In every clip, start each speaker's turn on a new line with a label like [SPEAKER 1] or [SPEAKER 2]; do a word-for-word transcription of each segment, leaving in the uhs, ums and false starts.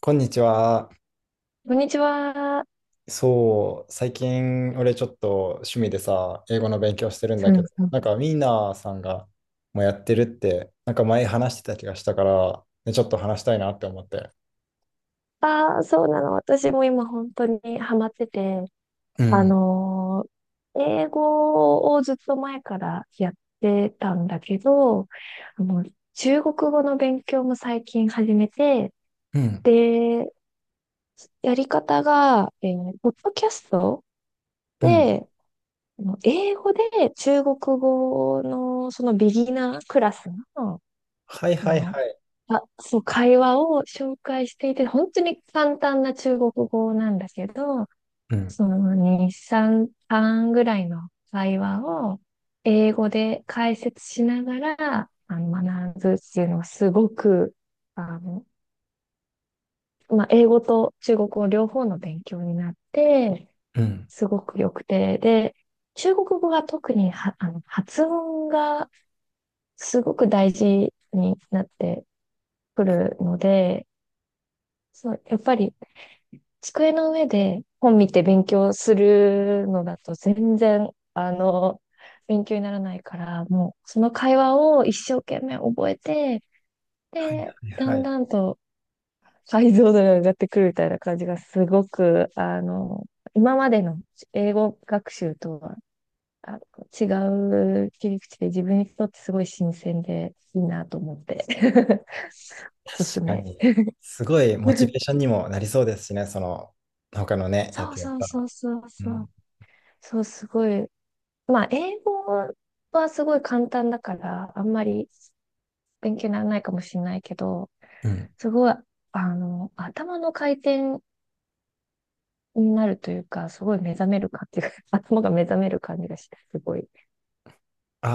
[SPEAKER 1] こんにちは。
[SPEAKER 2] こんにちは。
[SPEAKER 1] そう、最近俺ちょっと趣味でさ、英語の勉強してるん
[SPEAKER 2] そ
[SPEAKER 1] だけ
[SPEAKER 2] う
[SPEAKER 1] ど、
[SPEAKER 2] そう。
[SPEAKER 1] なんかミーナーさんがもうやってるって、なんか前話してた気がしたから、ね、ちょっと話したいなって思って。
[SPEAKER 2] ああ、そうなの。私も今本当にハマってて、
[SPEAKER 1] う
[SPEAKER 2] あ
[SPEAKER 1] ん、
[SPEAKER 2] のー英語をずっと前からやってたんだけど、あの、中国語の勉強も最近始めて、
[SPEAKER 1] うん、
[SPEAKER 2] で、やり方が、えーポッドキャスト
[SPEAKER 1] うん。
[SPEAKER 2] で、あの英語で中国語のそのビギナークラスの
[SPEAKER 1] はい
[SPEAKER 2] あ
[SPEAKER 1] はい
[SPEAKER 2] の、
[SPEAKER 1] はい。
[SPEAKER 2] あ、そう、会話を紹介していて、本当に簡単な中国語なんだけど、
[SPEAKER 1] うん、
[SPEAKER 2] そのに、さん、半ぐらいの会話を英語で解説しながら、あの、学ぶっていうのはすごく、あの、まあ、英語と中国語両方の勉強になって、
[SPEAKER 1] うん。
[SPEAKER 2] すごく良くて、で、中国語が特には、あの、発音がすごく大事になってくるので、そう、やっぱり机の上で本見て勉強するのだと全然、あの、勉強にならないから、もうその会話を一生懸命覚えて、
[SPEAKER 1] はい
[SPEAKER 2] で、
[SPEAKER 1] はい
[SPEAKER 2] だ
[SPEAKER 1] は
[SPEAKER 2] ん
[SPEAKER 1] い。
[SPEAKER 2] だんと解像度が上がってくるみたいな感じがすごく、あの、今までの英語学習とはあの違う切り口で自分にとってすごい新鮮でいいなと思って、おすす
[SPEAKER 1] 確か
[SPEAKER 2] め。
[SPEAKER 1] に。すごいモチベーション にもなりそうですしね、その、他のね、や
[SPEAKER 2] そう
[SPEAKER 1] つやっ
[SPEAKER 2] そう
[SPEAKER 1] た
[SPEAKER 2] そ
[SPEAKER 1] ら。
[SPEAKER 2] うそう
[SPEAKER 1] う
[SPEAKER 2] そう。
[SPEAKER 1] ん、
[SPEAKER 2] そう、すごい。まあ、英語はすごい簡単だから、あんまり勉強にならないかもしれないけど、
[SPEAKER 1] うん。
[SPEAKER 2] すごい、あの、頭の回転になるというか、すごい目覚める感じが、頭が目覚める感じがして、すごい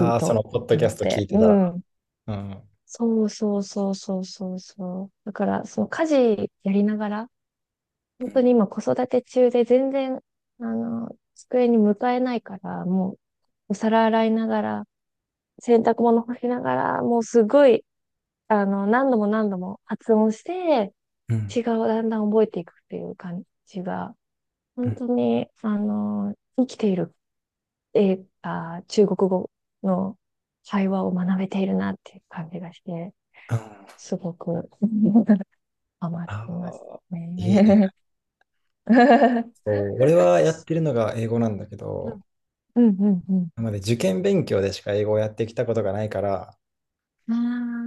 [SPEAKER 2] いい
[SPEAKER 1] あ、その、
[SPEAKER 2] と
[SPEAKER 1] ポッドキ
[SPEAKER 2] 思
[SPEAKER 1] ャ
[SPEAKER 2] っ
[SPEAKER 1] スト聞い
[SPEAKER 2] て。
[SPEAKER 1] て
[SPEAKER 2] う
[SPEAKER 1] たら。
[SPEAKER 2] ん。
[SPEAKER 1] うん、うん、
[SPEAKER 2] そうそうそうそうそうそう。だから、その家事やりながら、本当に今子育て中で全然、あの、机に向かえないから、もうお皿洗いながら、洗濯物干しながら、もうすごい、あの、何度も何度も発音して、
[SPEAKER 1] うん。
[SPEAKER 2] 違う、だんだん覚えていくっていう感じが、本当に、あの、生きている、えー、あー、中国語の会話を学べているなっていう感じがして、
[SPEAKER 1] うん
[SPEAKER 2] すごく ハマっ
[SPEAKER 1] あ
[SPEAKER 2] てます
[SPEAKER 1] あ、いいね。
[SPEAKER 2] ね。
[SPEAKER 1] そう、俺はやってるのが英語なんだけ
[SPEAKER 2] うん
[SPEAKER 1] ど、
[SPEAKER 2] うんうん
[SPEAKER 1] なので受験勉強でしか英語をやってきたことがないから、
[SPEAKER 2] う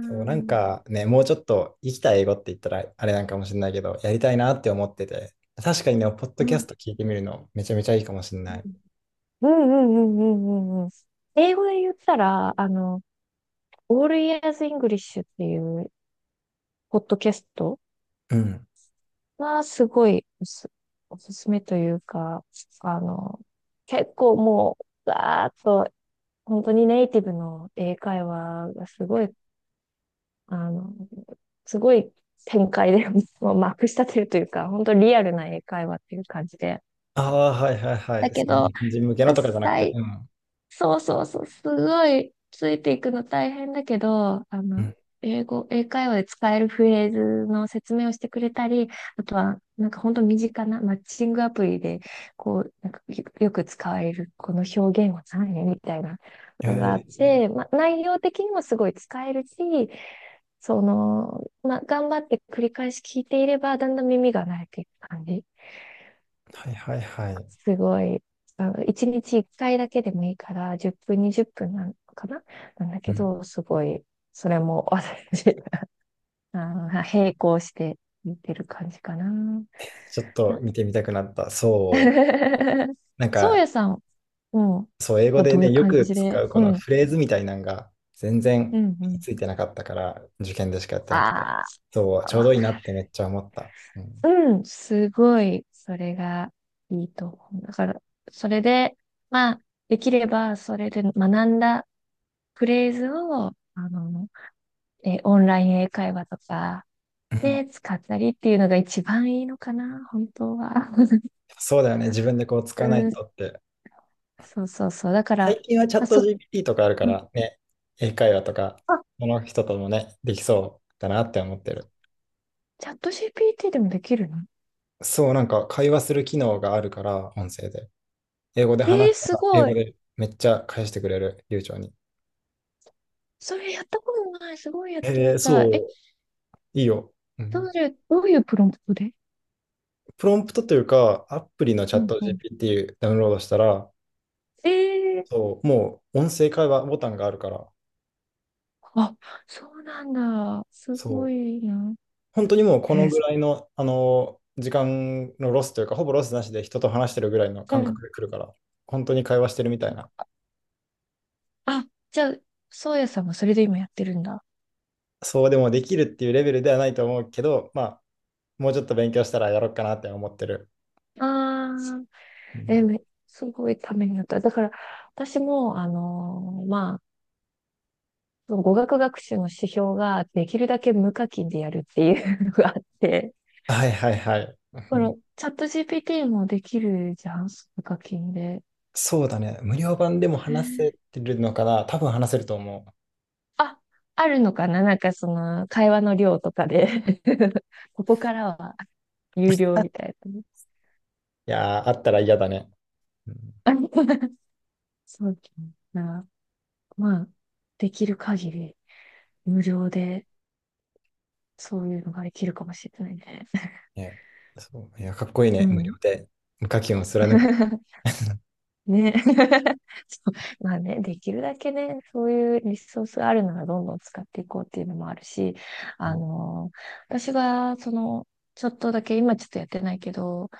[SPEAKER 1] そう、なん
[SPEAKER 2] ああ、
[SPEAKER 1] かね、もうちょっと生きた英語って言ったらあれなんかもしれないけど、やりたいなって思ってて、確かにね、ポッド
[SPEAKER 2] うん
[SPEAKER 1] キ
[SPEAKER 2] う
[SPEAKER 1] ャスト
[SPEAKER 2] ん
[SPEAKER 1] 聞いてみるのめちゃめちゃいいかもしれない。
[SPEAKER 2] うんうんうんうんうん。英語で言ったら、あの、オールイヤーズイングリッシュ っていうポッドキャスト
[SPEAKER 1] うん。
[SPEAKER 2] はすごいおす、おすすめというか、あの、結構もう、ガーッと、本当にネイティブの英会話がすごい、あの、すごい展開で、もうまくしたてるというか、本当リアルな英会話っていう感じで。
[SPEAKER 1] ああ、はいはいは
[SPEAKER 2] だ
[SPEAKER 1] い。
[SPEAKER 2] け
[SPEAKER 1] その
[SPEAKER 2] ど、
[SPEAKER 1] 日本人向けのとかじゃなくて、
[SPEAKER 2] 最
[SPEAKER 1] うん。
[SPEAKER 2] そうそうそう、すごいついていくの大変だけど、あ
[SPEAKER 1] う
[SPEAKER 2] の、
[SPEAKER 1] ん。
[SPEAKER 2] 英語、英会話で使えるフレーズの説明をしてくれたり、あとは、なんか本当身近なマッチングアプリで、こう、なんかよよく使われる、この表現は何みたいなのがあっ
[SPEAKER 1] えー
[SPEAKER 2] て、まあ、内容的にもすごい使えるし、その、まあ、頑張って繰り返し聞いていれば、だんだん耳が慣れていく感じ。
[SPEAKER 1] はいはいはい。
[SPEAKER 2] すごい、あの、いちにちいっかいだけでもいいから、じゅっぷん、にじゅっぷんなのかななんだ
[SPEAKER 1] う
[SPEAKER 2] け
[SPEAKER 1] ん。
[SPEAKER 2] ど、すごい、それも私、あの、並行して見てる感じかな。
[SPEAKER 1] ちょっと見てみたくなった。そ う。なん
[SPEAKER 2] そう
[SPEAKER 1] か、
[SPEAKER 2] やさん、うん、
[SPEAKER 1] そう、英語
[SPEAKER 2] は
[SPEAKER 1] で
[SPEAKER 2] どうい
[SPEAKER 1] ね、
[SPEAKER 2] う
[SPEAKER 1] よ
[SPEAKER 2] 感
[SPEAKER 1] く
[SPEAKER 2] じ
[SPEAKER 1] 使
[SPEAKER 2] で？
[SPEAKER 1] うこ
[SPEAKER 2] う
[SPEAKER 1] の
[SPEAKER 2] ん、
[SPEAKER 1] フレーズみたいなのが全
[SPEAKER 2] う
[SPEAKER 1] 然
[SPEAKER 2] ん、
[SPEAKER 1] 身
[SPEAKER 2] う
[SPEAKER 1] に
[SPEAKER 2] ん。
[SPEAKER 1] ついてなかったから、受験でしかやってなくて、
[SPEAKER 2] あ
[SPEAKER 1] そう、
[SPEAKER 2] あ、
[SPEAKER 1] ちょ
[SPEAKER 2] わ
[SPEAKER 1] うどいい
[SPEAKER 2] か
[SPEAKER 1] なってめっちゃ思った。うん。
[SPEAKER 2] る。うん、すごい、それがいいと思う。だから、それで、まあ、できれば、それで学んだフレーズを、あの、え、オンライン英会話とか
[SPEAKER 1] うん
[SPEAKER 2] で使ったりっていうのが一番いいのかな、本当は。
[SPEAKER 1] そうだよね、自分でこう使
[SPEAKER 2] う
[SPEAKER 1] わない
[SPEAKER 2] ん、
[SPEAKER 1] とって。
[SPEAKER 2] そうそうそう。だから、
[SPEAKER 1] 最近はチャ
[SPEAKER 2] ま
[SPEAKER 1] ッ
[SPEAKER 2] あ、
[SPEAKER 1] ト
[SPEAKER 2] そ、
[SPEAKER 1] ジーピーティー とかあるか
[SPEAKER 2] うん
[SPEAKER 1] らね、英会話とか、
[SPEAKER 2] あ、
[SPEAKER 1] その人ともね、できそうだなって思ってる。
[SPEAKER 2] チャット ジーピーティー でもできるの？
[SPEAKER 1] そう、なんか会話する機能があるから、音声で。英語で
[SPEAKER 2] え
[SPEAKER 1] 話
[SPEAKER 2] ー、
[SPEAKER 1] した
[SPEAKER 2] す
[SPEAKER 1] ら、英
[SPEAKER 2] ご
[SPEAKER 1] 語
[SPEAKER 2] い。
[SPEAKER 1] でめっちゃ返してくれる、流暢に。
[SPEAKER 2] それやったことない。すごいやって
[SPEAKER 1] へ
[SPEAKER 2] み
[SPEAKER 1] え、
[SPEAKER 2] た
[SPEAKER 1] そ
[SPEAKER 2] い。え、
[SPEAKER 1] う、いいよ。う
[SPEAKER 2] ど
[SPEAKER 1] ん
[SPEAKER 2] ういう、どういうプロンプトで？
[SPEAKER 1] プロンプトというか、アプリのチ
[SPEAKER 2] う
[SPEAKER 1] ャッ
[SPEAKER 2] ん
[SPEAKER 1] ト
[SPEAKER 2] うん。
[SPEAKER 1] ジーピーティー ダウンロードしたら、
[SPEAKER 2] えー、
[SPEAKER 1] そう、もう音声会話ボタンがあるから、
[SPEAKER 2] あ、そうなんだ。すご
[SPEAKER 1] そう、
[SPEAKER 2] いな。
[SPEAKER 1] 本当にもうこ
[SPEAKER 2] え
[SPEAKER 1] の
[SPEAKER 2] ー
[SPEAKER 1] ぐ
[SPEAKER 2] そ
[SPEAKER 1] らいの、あの、時間のロスというか、ほぼロスなしで人と話してるぐらいの
[SPEAKER 2] う
[SPEAKER 1] 感
[SPEAKER 2] ん。
[SPEAKER 1] 覚で来るから、本当に会話してるみたいな。
[SPEAKER 2] あ、じゃあ、そうやさんはそれで今やってるんだ。
[SPEAKER 1] そうでもできるっていうレベルではないと思うけど、まあ、もうちょっと勉強したらやろうかなって思ってる。
[SPEAKER 2] ああ、
[SPEAKER 1] う
[SPEAKER 2] え、
[SPEAKER 1] ん
[SPEAKER 2] めすごいためになった。だから、私も、あのーまあ、その語学学習の指標ができるだけ無課金でやるっていうのがあって、
[SPEAKER 1] はいはいはい。う
[SPEAKER 2] この
[SPEAKER 1] ん
[SPEAKER 2] チャット ジーピーティー もできるじゃん、無課金で。
[SPEAKER 1] そうだね。無料版でも話せてるのかな多分話せると思う。
[SPEAKER 2] あ、あるのかな、なんかその会話の量とかで ここからは有料みたいなね。
[SPEAKER 1] いやー、あったら嫌だね。うん
[SPEAKER 2] そうだな。まあ、できる限り無料でそういうのができるかもしれないね。
[SPEAKER 1] ね、そう、いや、かっこいい
[SPEAKER 2] う
[SPEAKER 1] ね、無料
[SPEAKER 2] ん。
[SPEAKER 1] で。無課金を貫く。
[SPEAKER 2] ね。そうまあね、できるだけね、そういうリソースがあるならどんどん使っていこうっていうのもあるし、あの私が、その、ちょっとだけ、今ちょっとやってないけど、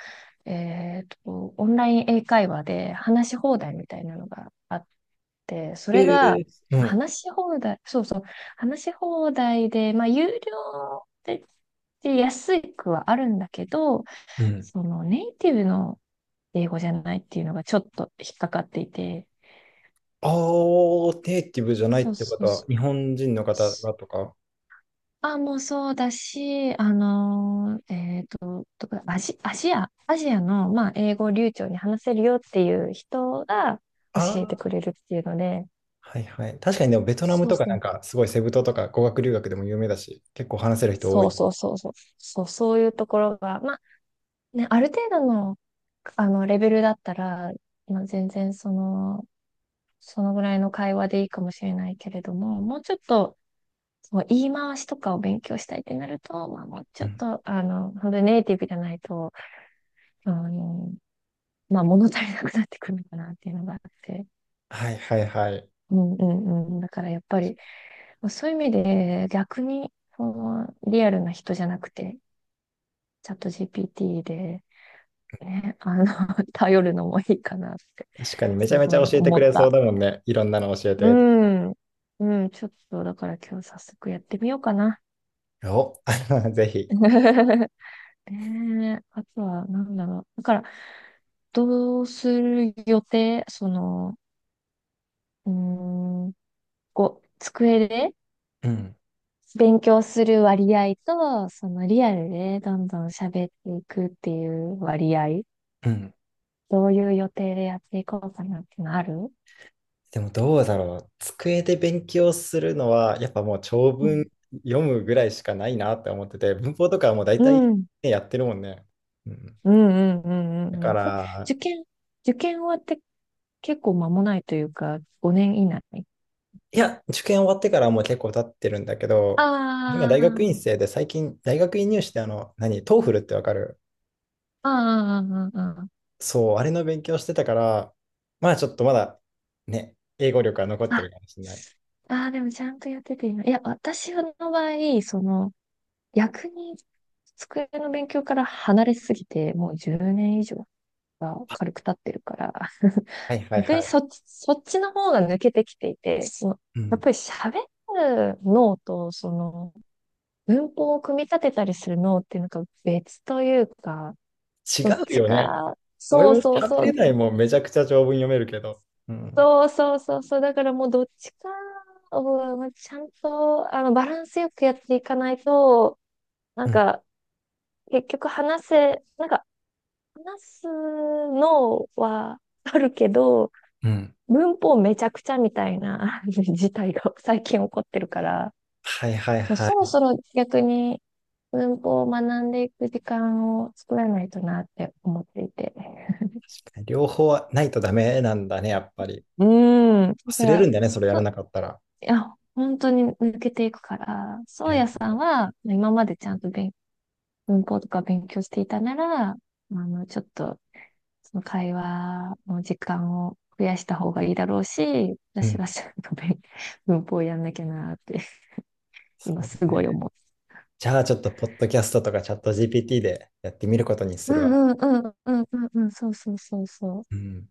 [SPEAKER 2] えっと、オンライン英会話で話し放題みたいなのがあって、そ
[SPEAKER 1] え
[SPEAKER 2] れが、
[SPEAKER 1] えうん。
[SPEAKER 2] 話し放題、そうそう、話し放題で、まあ、有料で、で安くはあるんだけど、
[SPEAKER 1] うん。
[SPEAKER 2] そのネイティブの英語じゃないっていうのがちょっと引っかかっていて、
[SPEAKER 1] ああ、ネイティブじゃないっ
[SPEAKER 2] そう
[SPEAKER 1] てこ
[SPEAKER 2] そ
[SPEAKER 1] と
[SPEAKER 2] う
[SPEAKER 1] は、
[SPEAKER 2] そ
[SPEAKER 1] 日本人の方
[SPEAKER 2] う。
[SPEAKER 1] がとか。
[SPEAKER 2] あ、もうそうだし、あのーえっと、どこだアジ、アジア、アジアの、まあ、英語を流暢に話せるよっていう人が
[SPEAKER 1] あ
[SPEAKER 2] 教えて
[SPEAKER 1] あ、
[SPEAKER 2] くれるっていうので、
[SPEAKER 1] はいはい。確かにでも、ベトナム
[SPEAKER 2] そう
[SPEAKER 1] とか
[SPEAKER 2] そ
[SPEAKER 1] なん
[SPEAKER 2] う。
[SPEAKER 1] か、すごいセブ島とか語学留学でも有名だし、結構話せる人多
[SPEAKER 2] そう
[SPEAKER 1] い。
[SPEAKER 2] そうそうそう。そう、そういうところが、まあ、ね、ある程度の、あの、レベルだったら、まあ、全然その、そのぐらいの会話でいいかもしれないけれども、もうちょっと、そう、言い回しとかを勉強したいってなると、まあもうち
[SPEAKER 1] う
[SPEAKER 2] ょっ
[SPEAKER 1] ん。
[SPEAKER 2] と、あの、本当にネイティブじゃないと、あの、まあ物足りなくなってくるのかなっていうのがあって。
[SPEAKER 1] はいはいはい。
[SPEAKER 2] うんうんうん。だからやっぱり、そういう意味で逆に、その、リアルな人じゃなくて、チャット ジーピーティー で、ね、あの、頼るのもいいかなって、
[SPEAKER 1] 確かにめち
[SPEAKER 2] す
[SPEAKER 1] ゃめち
[SPEAKER 2] ご
[SPEAKER 1] ゃ
[SPEAKER 2] い
[SPEAKER 1] 教えて
[SPEAKER 2] 思
[SPEAKER 1] く
[SPEAKER 2] っ
[SPEAKER 1] れそう
[SPEAKER 2] た。
[SPEAKER 1] だもんね。いろんなの教え
[SPEAKER 2] う
[SPEAKER 1] て。
[SPEAKER 2] ん。うん、ちょっと、だから今日早速やってみようかな。
[SPEAKER 1] お、ぜひ。
[SPEAKER 2] ねえ、あとは、なんだろう。だから、どうする予定その、うーん、こう、机で
[SPEAKER 1] うん。
[SPEAKER 2] 勉強する割合と、そのリアルでどんどん喋っていくっていう割合、
[SPEAKER 1] うん。
[SPEAKER 2] どういう予定でやっていこうかなってのある？
[SPEAKER 1] でもどうだろう。机で勉強するのは、やっぱもう長
[SPEAKER 2] う
[SPEAKER 1] 文
[SPEAKER 2] ん、
[SPEAKER 1] 読むぐらいしかないなって思ってて、文法とかはもう大
[SPEAKER 2] う
[SPEAKER 1] 体、
[SPEAKER 2] ん、
[SPEAKER 1] ね、やってるもんね。うん、
[SPEAKER 2] うん、うん、うん、う
[SPEAKER 1] だ
[SPEAKER 2] ん。
[SPEAKER 1] か
[SPEAKER 2] うんで、
[SPEAKER 1] ら、
[SPEAKER 2] 受験、受験終わって結構間もないというか、ごねん以内。
[SPEAKER 1] いや、受験終わってからもう結構経ってるんだけど、今
[SPEAKER 2] あ
[SPEAKER 1] 大学院生
[SPEAKER 2] あ、
[SPEAKER 1] で最近、大学院入試ってあの、何、トーフルってわかる？
[SPEAKER 2] ああ、ああ、あ
[SPEAKER 1] そう、あれの勉強してたから、まあちょっとまだね、英語力は残って
[SPEAKER 2] あ。
[SPEAKER 1] るかもしれない。
[SPEAKER 2] ああ、でもちゃんとやってて今。いや、私の場合、その、逆に机の勉強から離れすぎて、もうじゅうねん以上が軽く経ってるから、
[SPEAKER 1] はいはい
[SPEAKER 2] 逆
[SPEAKER 1] は
[SPEAKER 2] にそっ
[SPEAKER 1] い。
[SPEAKER 2] ち、そっちの方が抜けてきていて、その
[SPEAKER 1] う
[SPEAKER 2] やっ
[SPEAKER 1] ん
[SPEAKER 2] ぱり喋る脳と、その、文法を組み立てたりする脳っていうのが別というか、
[SPEAKER 1] 違
[SPEAKER 2] どっ
[SPEAKER 1] う
[SPEAKER 2] ち
[SPEAKER 1] よね。
[SPEAKER 2] か、
[SPEAKER 1] 俺
[SPEAKER 2] そ
[SPEAKER 1] も
[SPEAKER 2] うそう
[SPEAKER 1] 喋
[SPEAKER 2] そ
[SPEAKER 1] れ
[SPEAKER 2] う、
[SPEAKER 1] ないもん、めちゃくちゃ長文読めるけど。うん。
[SPEAKER 2] そうそうそう、そう、だからもうどっちかを、ちゃんと、あの、バランスよくやっていかないと、な
[SPEAKER 1] う
[SPEAKER 2] ん
[SPEAKER 1] ん、
[SPEAKER 2] か、結局話せ、なんか、話すのはあるけど、
[SPEAKER 1] うん。
[SPEAKER 2] 文法めちゃくちゃみたいな 事態が最近起こってるから、
[SPEAKER 1] はいはい
[SPEAKER 2] そう
[SPEAKER 1] は
[SPEAKER 2] そろ
[SPEAKER 1] い。
[SPEAKER 2] そろ逆に文法を学んでいく時間を作らないとなって思っていて。
[SPEAKER 1] 両方はないとダメなんだね、やっぱり。
[SPEAKER 2] うーん。だか
[SPEAKER 1] 忘れるん
[SPEAKER 2] ら、
[SPEAKER 1] だね、それや
[SPEAKER 2] そ
[SPEAKER 1] ら
[SPEAKER 2] う、
[SPEAKER 1] なかったら。
[SPEAKER 2] いや、本当に抜けていくから、そう
[SPEAKER 1] え、
[SPEAKER 2] やさんは、今までちゃんと勉文法とか勉強していたなら、あの、ちょっとその会話の時間を増やした方がいいだろうし、
[SPEAKER 1] う
[SPEAKER 2] 私
[SPEAKER 1] ん。
[SPEAKER 2] はちゃんと勉 文法やんなきゃなって、
[SPEAKER 1] そ
[SPEAKER 2] 今
[SPEAKER 1] う
[SPEAKER 2] す
[SPEAKER 1] だ
[SPEAKER 2] ごい
[SPEAKER 1] ね。
[SPEAKER 2] 思う。
[SPEAKER 1] じゃあちょっと、ポッドキャストとかチャット ジーピーティー でやってみることにす
[SPEAKER 2] う
[SPEAKER 1] るわ。
[SPEAKER 2] んうんうんうんうんうん、そうそうそうそ
[SPEAKER 1] う
[SPEAKER 2] う。
[SPEAKER 1] ん